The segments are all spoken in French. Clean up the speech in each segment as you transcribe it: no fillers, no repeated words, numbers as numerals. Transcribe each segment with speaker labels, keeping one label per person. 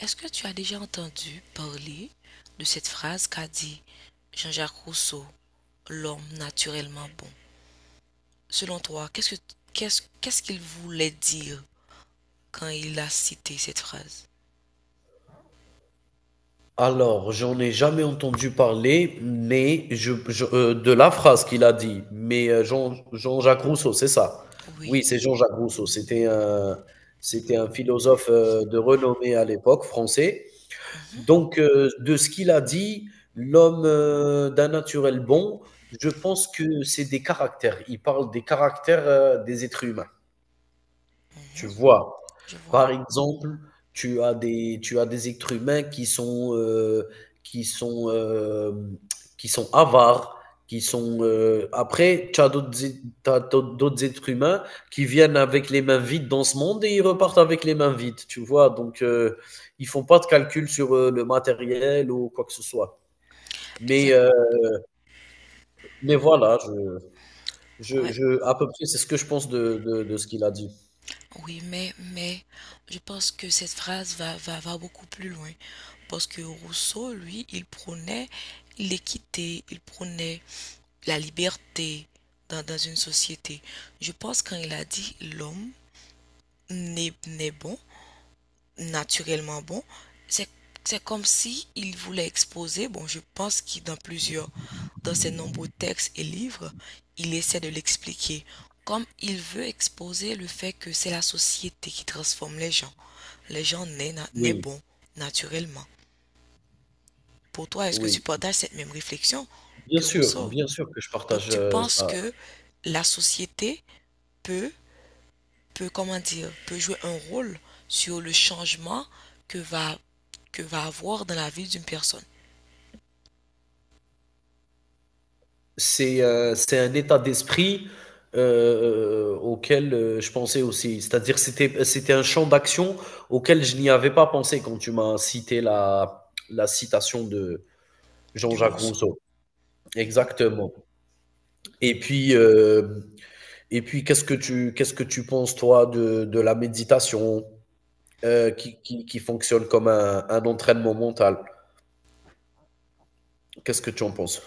Speaker 1: Est-ce que tu as déjà entendu parler de cette phrase qu'a dit Jean-Jacques Rousseau, l'homme naturellement bon? Selon toi, qu'est-ce qu'il voulait dire quand il a cité cette phrase?
Speaker 2: Alors, j'en ai jamais entendu parler, mais de la phrase qu'il a dit. Mais Jean-Jacques Rousseau, c'est ça.
Speaker 1: Oui.
Speaker 2: Oui, c'est Jean-Jacques Rousseau. C'était un philosophe de renommée à l'époque, français.
Speaker 1: Mhm,
Speaker 2: Donc, de ce qu'il a dit, l'homme d'un naturel bon, je pense que c'est des caractères. Il parle des caractères des êtres humains. Tu
Speaker 1: mhm,
Speaker 2: vois?
Speaker 1: je vois.
Speaker 2: Par exemple, tu as des êtres humains qui sont, hem, qui sont avares, après tu as d'autres êtres humains qui viennent avec les mains vides dans ce monde et ils repartent avec les mains vides, tu vois? Donc, ils font pas de calcul sur, le matériel ou quoi que ce soit. Mais,
Speaker 1: Exact.
Speaker 2: heu, mais voilà, je je
Speaker 1: Ouais.
Speaker 2: je à peu près, c'est ce que je pense de ce qu'il a dit.
Speaker 1: Oui, mais je pense que cette phrase va beaucoup plus loin. Parce que Rousseau, lui, il prônait l'équité, il prônait la liberté dans une société. Je pense quand il a dit l'homme n'est naturellement bon. C'est, c'est comme si il voulait exposer, bon, je pense qu'il dans plusieurs, dans ses nombreux textes et livres, il essaie de l'expliquer, comme il veut exposer le fait que c'est la société qui transforme les gens. Les gens naissent
Speaker 2: Oui,
Speaker 1: bons, naturellement. Pour toi, est-ce que tu
Speaker 2: oui.
Speaker 1: partages cette même réflexion que Rousseau?
Speaker 2: Bien sûr que je
Speaker 1: Donc,
Speaker 2: partage,
Speaker 1: tu penses
Speaker 2: ça.
Speaker 1: que la société peut peut, comment dire, peut jouer un rôle sur le changement que va, que va avoir dans la vie d'une personne,
Speaker 2: C'est un état d'esprit auquel, je pensais aussi. C'est-à-dire c'était un champ d'action auquel je n'y avais pas pensé quand tu m'as cité la citation de
Speaker 1: de
Speaker 2: Jean-Jacques
Speaker 1: Rousseau.
Speaker 2: Rousseau. Exactement. Et puis, hem et puis qu'est-ce que tu penses toi de la méditation, qui fonctionne comme un entraînement mental? Qu'est-ce que tu en penses?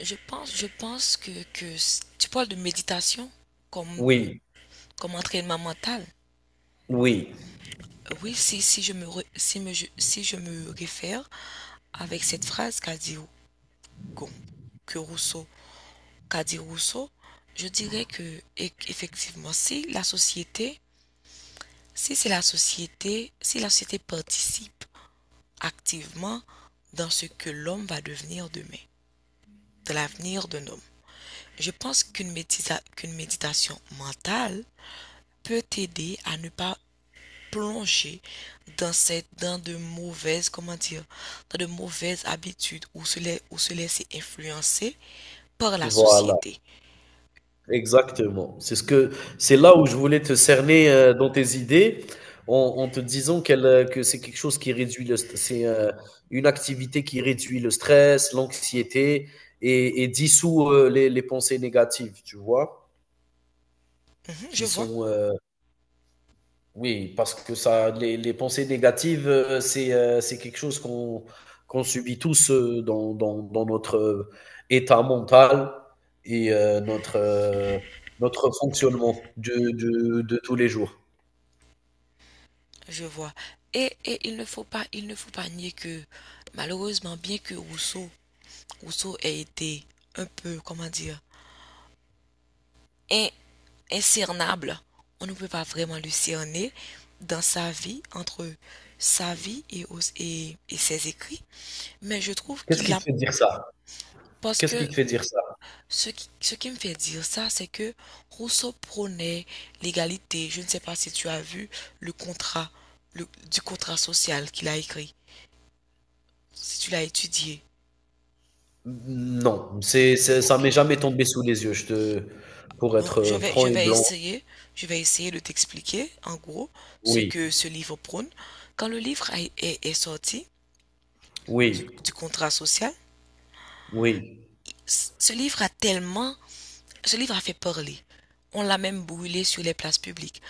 Speaker 1: Je pense que tu parles de méditation comme,
Speaker 2: Oui,
Speaker 1: comme entraînement mental.
Speaker 2: oui,
Speaker 1: Oui, si, si, je me, re- si, me- je- si je me réfère avec cette phrase qu'a dit Gon- que Rousseau, qu'a dit Rousseau, je dirais que effectivement, si la société, si c'est la société, si la société participe activement dans ce que l'homme va devenir demain, de l'avenir d'un homme. Je pense qu'une méditation mentale peut t'aider à ne pas plonger dans de mauvaises comment dire dans de mauvaises habitudes ou se laisser influencer par la
Speaker 2: voilà.
Speaker 1: société.
Speaker 2: Exactement. C'est ce que c'est là où je voulais te cerner dans tes idées, en te disant que c'est quelque chose qui réduit le st- c'est une activité qui réduit le stress, l'anxiété et dissout les pensées négatives, tu vois,
Speaker 1: Mhm, je
Speaker 2: qui
Speaker 1: vois,
Speaker 2: sont oui, parce que ça, les pensées négatives, c'est quelque chose qu'on subit tous dans notre état mental et notre fonctionnement de tous les jours.
Speaker 1: je vois. Et il ne faut pas il ne faut pas nier que malheureusement bien que Rousseau ait été un peu comment dire in- incernable. On ne peut pas vraiment le cerner dans sa vie, entre sa vie et ses écrits. Mais je trouve
Speaker 2: Qu'est-ce
Speaker 1: qu'il
Speaker 2: qui
Speaker 1: a...
Speaker 2: te fait dire ça?
Speaker 1: Parce
Speaker 2: Qu'est-ce qui
Speaker 1: que
Speaker 2: te fait dire ça?
Speaker 1: ce qui me fait dire ça, c'est que Rousseau prônait l'égalité. Je ne sais pas si tu as vu le contrat, du contrat social qu'il a écrit, si tu l'as étudié.
Speaker 2: Non, ça m'est
Speaker 1: Ok.
Speaker 2: jamais tombé sous les yeux, pour
Speaker 1: Bon,
Speaker 2: être
Speaker 1: je vais, je
Speaker 2: franc et
Speaker 1: vais
Speaker 2: blanc.
Speaker 1: essayer, je vais essayer de t'expliquer en gros ce
Speaker 2: Oui,
Speaker 1: que ce livre prône. Quand le livre est sorti,
Speaker 2: oui,
Speaker 1: du contrat social,
Speaker 2: oui,
Speaker 1: ce livre a tellement, ce livre a fait parler. On l'a même brûlé sur les places publiques.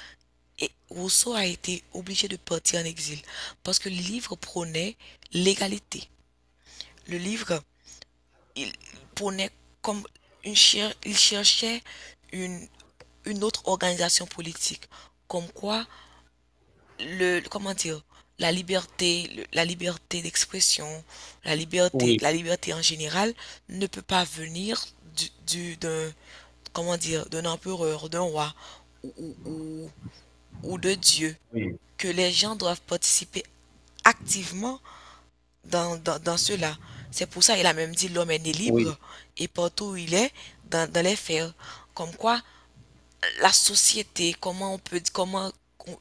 Speaker 1: Et Rousseau a été obligé de partir en exil parce que le livre prônait l'égalité. Le livre, il prônait comme il cherchait une, une autre organisation politique. Comme quoi, le comment dire la liberté d'expression
Speaker 2: oui,
Speaker 1: la liberté en général ne peut pas venir du d'un comment dire d'un empereur d'un roi ou, ou, ou- ou de Dieu
Speaker 2: oui,
Speaker 1: que les gens doivent participer activement dans cela c'est pour ça il a même dit l'homme est né
Speaker 2: oui,
Speaker 1: libre et partout où il est dans les fers comme quoi la société, comment on peut, comment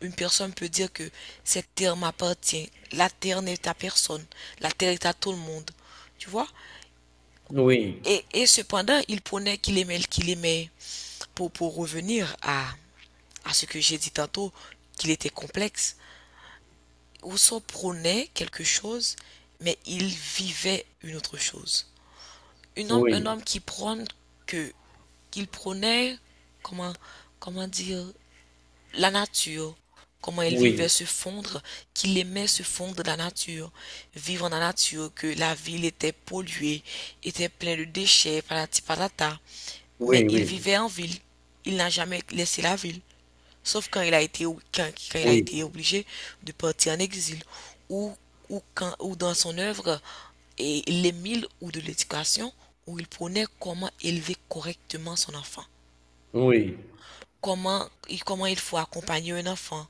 Speaker 1: une personne peut dire que cette terre m'appartient, la terre n'est à personne, la terre est à tout le monde, tu vois?
Speaker 2: oui,
Speaker 1: Et cependant, il prenait qu'il aimait, pour revenir à ce que j'ai dit tantôt, qu'il était complexe. Rousseau prenait quelque chose, mais il vivait une autre chose. Un homme, un
Speaker 2: oui,
Speaker 1: homme qui prône que, qu'il prenait comment, comment dire, la nature, comment elle vivait
Speaker 2: oui,
Speaker 1: se fondre, qu'il aimait se fondre dans la nature, vivre dans la nature, que la ville était polluée, était pleine de déchets, patati patata. Mais
Speaker 2: oui,
Speaker 1: il
Speaker 2: oui, oui.
Speaker 1: vivait en ville. Il n'a jamais laissé la ville, sauf quand il a été, quand il a
Speaker 2: Oui.
Speaker 1: été obligé de partir en exil, ou, ou dans son œuvre, et l'Émile ou de l'éducation, où il prenait comment élever correctement son enfant
Speaker 2: Oui,
Speaker 1: comment il faut accompagner un enfant.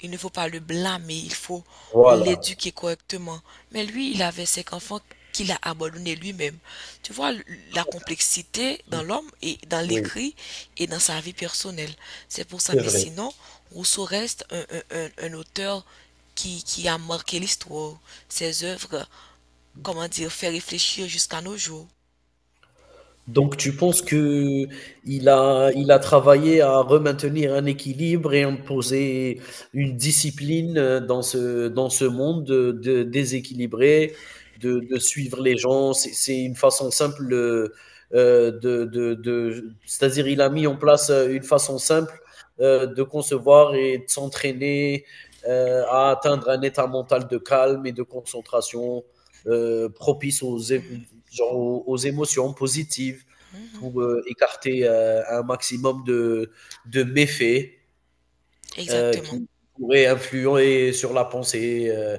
Speaker 1: Il ne faut pas le blâmer, il faut
Speaker 2: voilà.
Speaker 1: l'éduquer correctement. Mais lui, il avait cinq enfants qu'il a abandonnés lui-même. Tu vois la complexité dans l'homme et dans
Speaker 2: Oui,
Speaker 1: l'écrit et dans sa vie personnelle. C'est pour ça.
Speaker 2: c'est
Speaker 1: Mais
Speaker 2: vrai.
Speaker 1: sinon, Rousseau reste un auteur qui a marqué l'histoire. Ses œuvres, comment dire, fait réfléchir jusqu'à nos jours.
Speaker 2: Donc, tu penses que il a travaillé à remaintenir un équilibre et imposer une discipline dans ce monde déséquilibré, de suivre les gens. C'est une façon simple c'est-à-dire il a mis en place une façon simple de concevoir et de s'entraîner à atteindre un état mental de calme et de concentration propice genre aux émotions positives pour écarter un maximum de méfaits
Speaker 1: Exactement.
Speaker 2: qui pourraient influer sur la pensée. euh,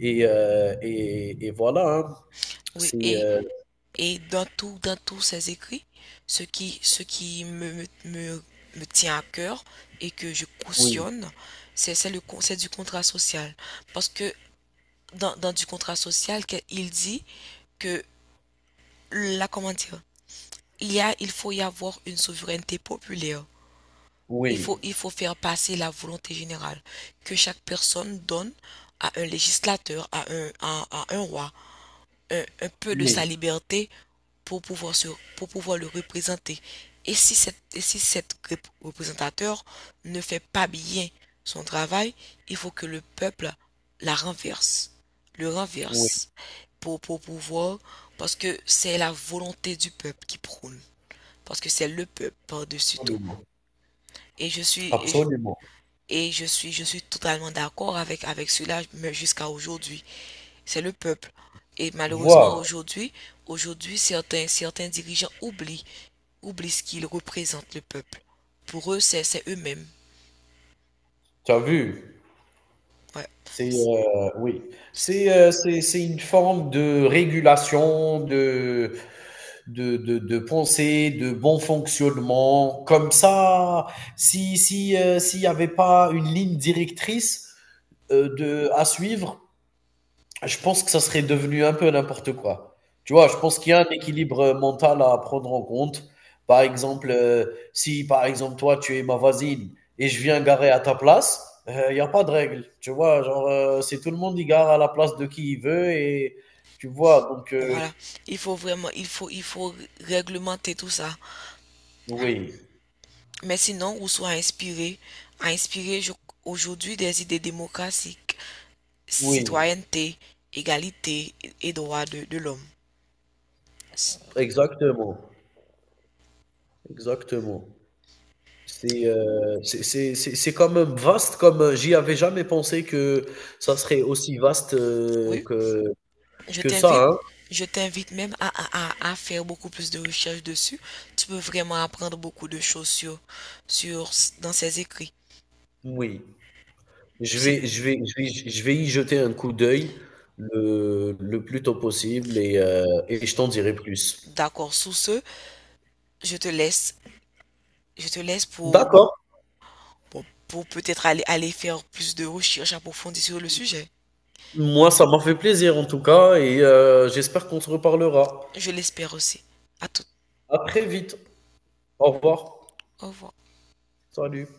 Speaker 2: et, euh, et, et voilà, hein.
Speaker 1: Oui,
Speaker 2: c'est
Speaker 1: et dans tout, dans tous ses écrits, ce qui me, me, me, me tient à cœur et que je
Speaker 2: oui,
Speaker 1: cautionne, c'est le c'est du contrat social. Parce que dans du contrat social, il dit que la comment dire, il y a, il faut y avoir une souveraineté populaire. Il
Speaker 2: oui,
Speaker 1: faut, il faut faire passer la volonté générale que chaque personne donne à un législateur, à un roi, un peu de sa
Speaker 2: oui,
Speaker 1: liberté pour pouvoir, se- pour pouvoir le représenter. Si cette représentateur ne fait pas bien son travail, il faut que le peuple la renverse, le
Speaker 2: oui,
Speaker 1: renverse pour pouvoir, parce que c'est la volonté du peuple qui prône, parce que c'est le peuple par-dessus tout.
Speaker 2: absolument,
Speaker 1: Et je suis,
Speaker 2: absolument.
Speaker 1: et je suis totalement d'accord avec cela mais jusqu'à aujourd'hui. C'est le peuple. Et
Speaker 2: Tu
Speaker 1: malheureusement,
Speaker 2: vois,
Speaker 1: aujourd'hui, certains dirigeants oublient ce qu'ils représentent, le peuple. Pour eux, c'est eux-mêmes.
Speaker 2: tu as vu,
Speaker 1: Ouais.
Speaker 2: c'est oui, c'est une forme de régulation de pensée, de bon fonctionnement. Comme ça, si si s'il n'y avait pas une ligne directrice de à suivre, je pense que ça serait devenu un peu n'importe quoi. Tu vois, je
Speaker 1: Ouais.
Speaker 2: pense qu'il y a un équilibre mental à prendre en compte. Par exemple, si par exemple toi tu es ma voisine et je viens garer à ta place, il n'y a pas de règle. Tu vois, genre c'est tout le monde qui gare à la place de qui il veut et tu vois, donc
Speaker 1: Voilà. Il faut vraiment, il faut réglementer tout ça. Voilà.
Speaker 2: oui,
Speaker 1: Mais sinon, Rousseau a inspiré aujourd'hui des idées démocratiques,
Speaker 2: oui,
Speaker 1: citoyenneté, égalité et droits de l'homme.
Speaker 2: exactement. Exactement. C'est quand même vaste comme, j'y avais jamais pensé que ça serait aussi vaste,
Speaker 1: Oui,
Speaker 2: que
Speaker 1: je
Speaker 2: que
Speaker 1: t'invite,
Speaker 2: ça, hein.
Speaker 1: je t'invite même à, à faire beaucoup plus de recherches dessus. Tu peux vraiment apprendre beaucoup de choses sur, dans ses écrits.
Speaker 2: Oui, je
Speaker 1: Si-
Speaker 2: vais y jeter un coup d'œil le plus tôt possible et je t'en dirai plus.
Speaker 1: d'accord, sous ce, je te laisse, je te laisse pour, bon,
Speaker 2: D'accord,
Speaker 1: pour peut-être aller faire plus de recherches approfondies sur le sujet.
Speaker 2: moi ça m'a fait plaisir en tout cas et j'espère qu'on se reparlera.
Speaker 1: Je l'espère aussi. À tout.
Speaker 2: À très vite. Au revoir.
Speaker 1: Au revoir.
Speaker 2: Salut.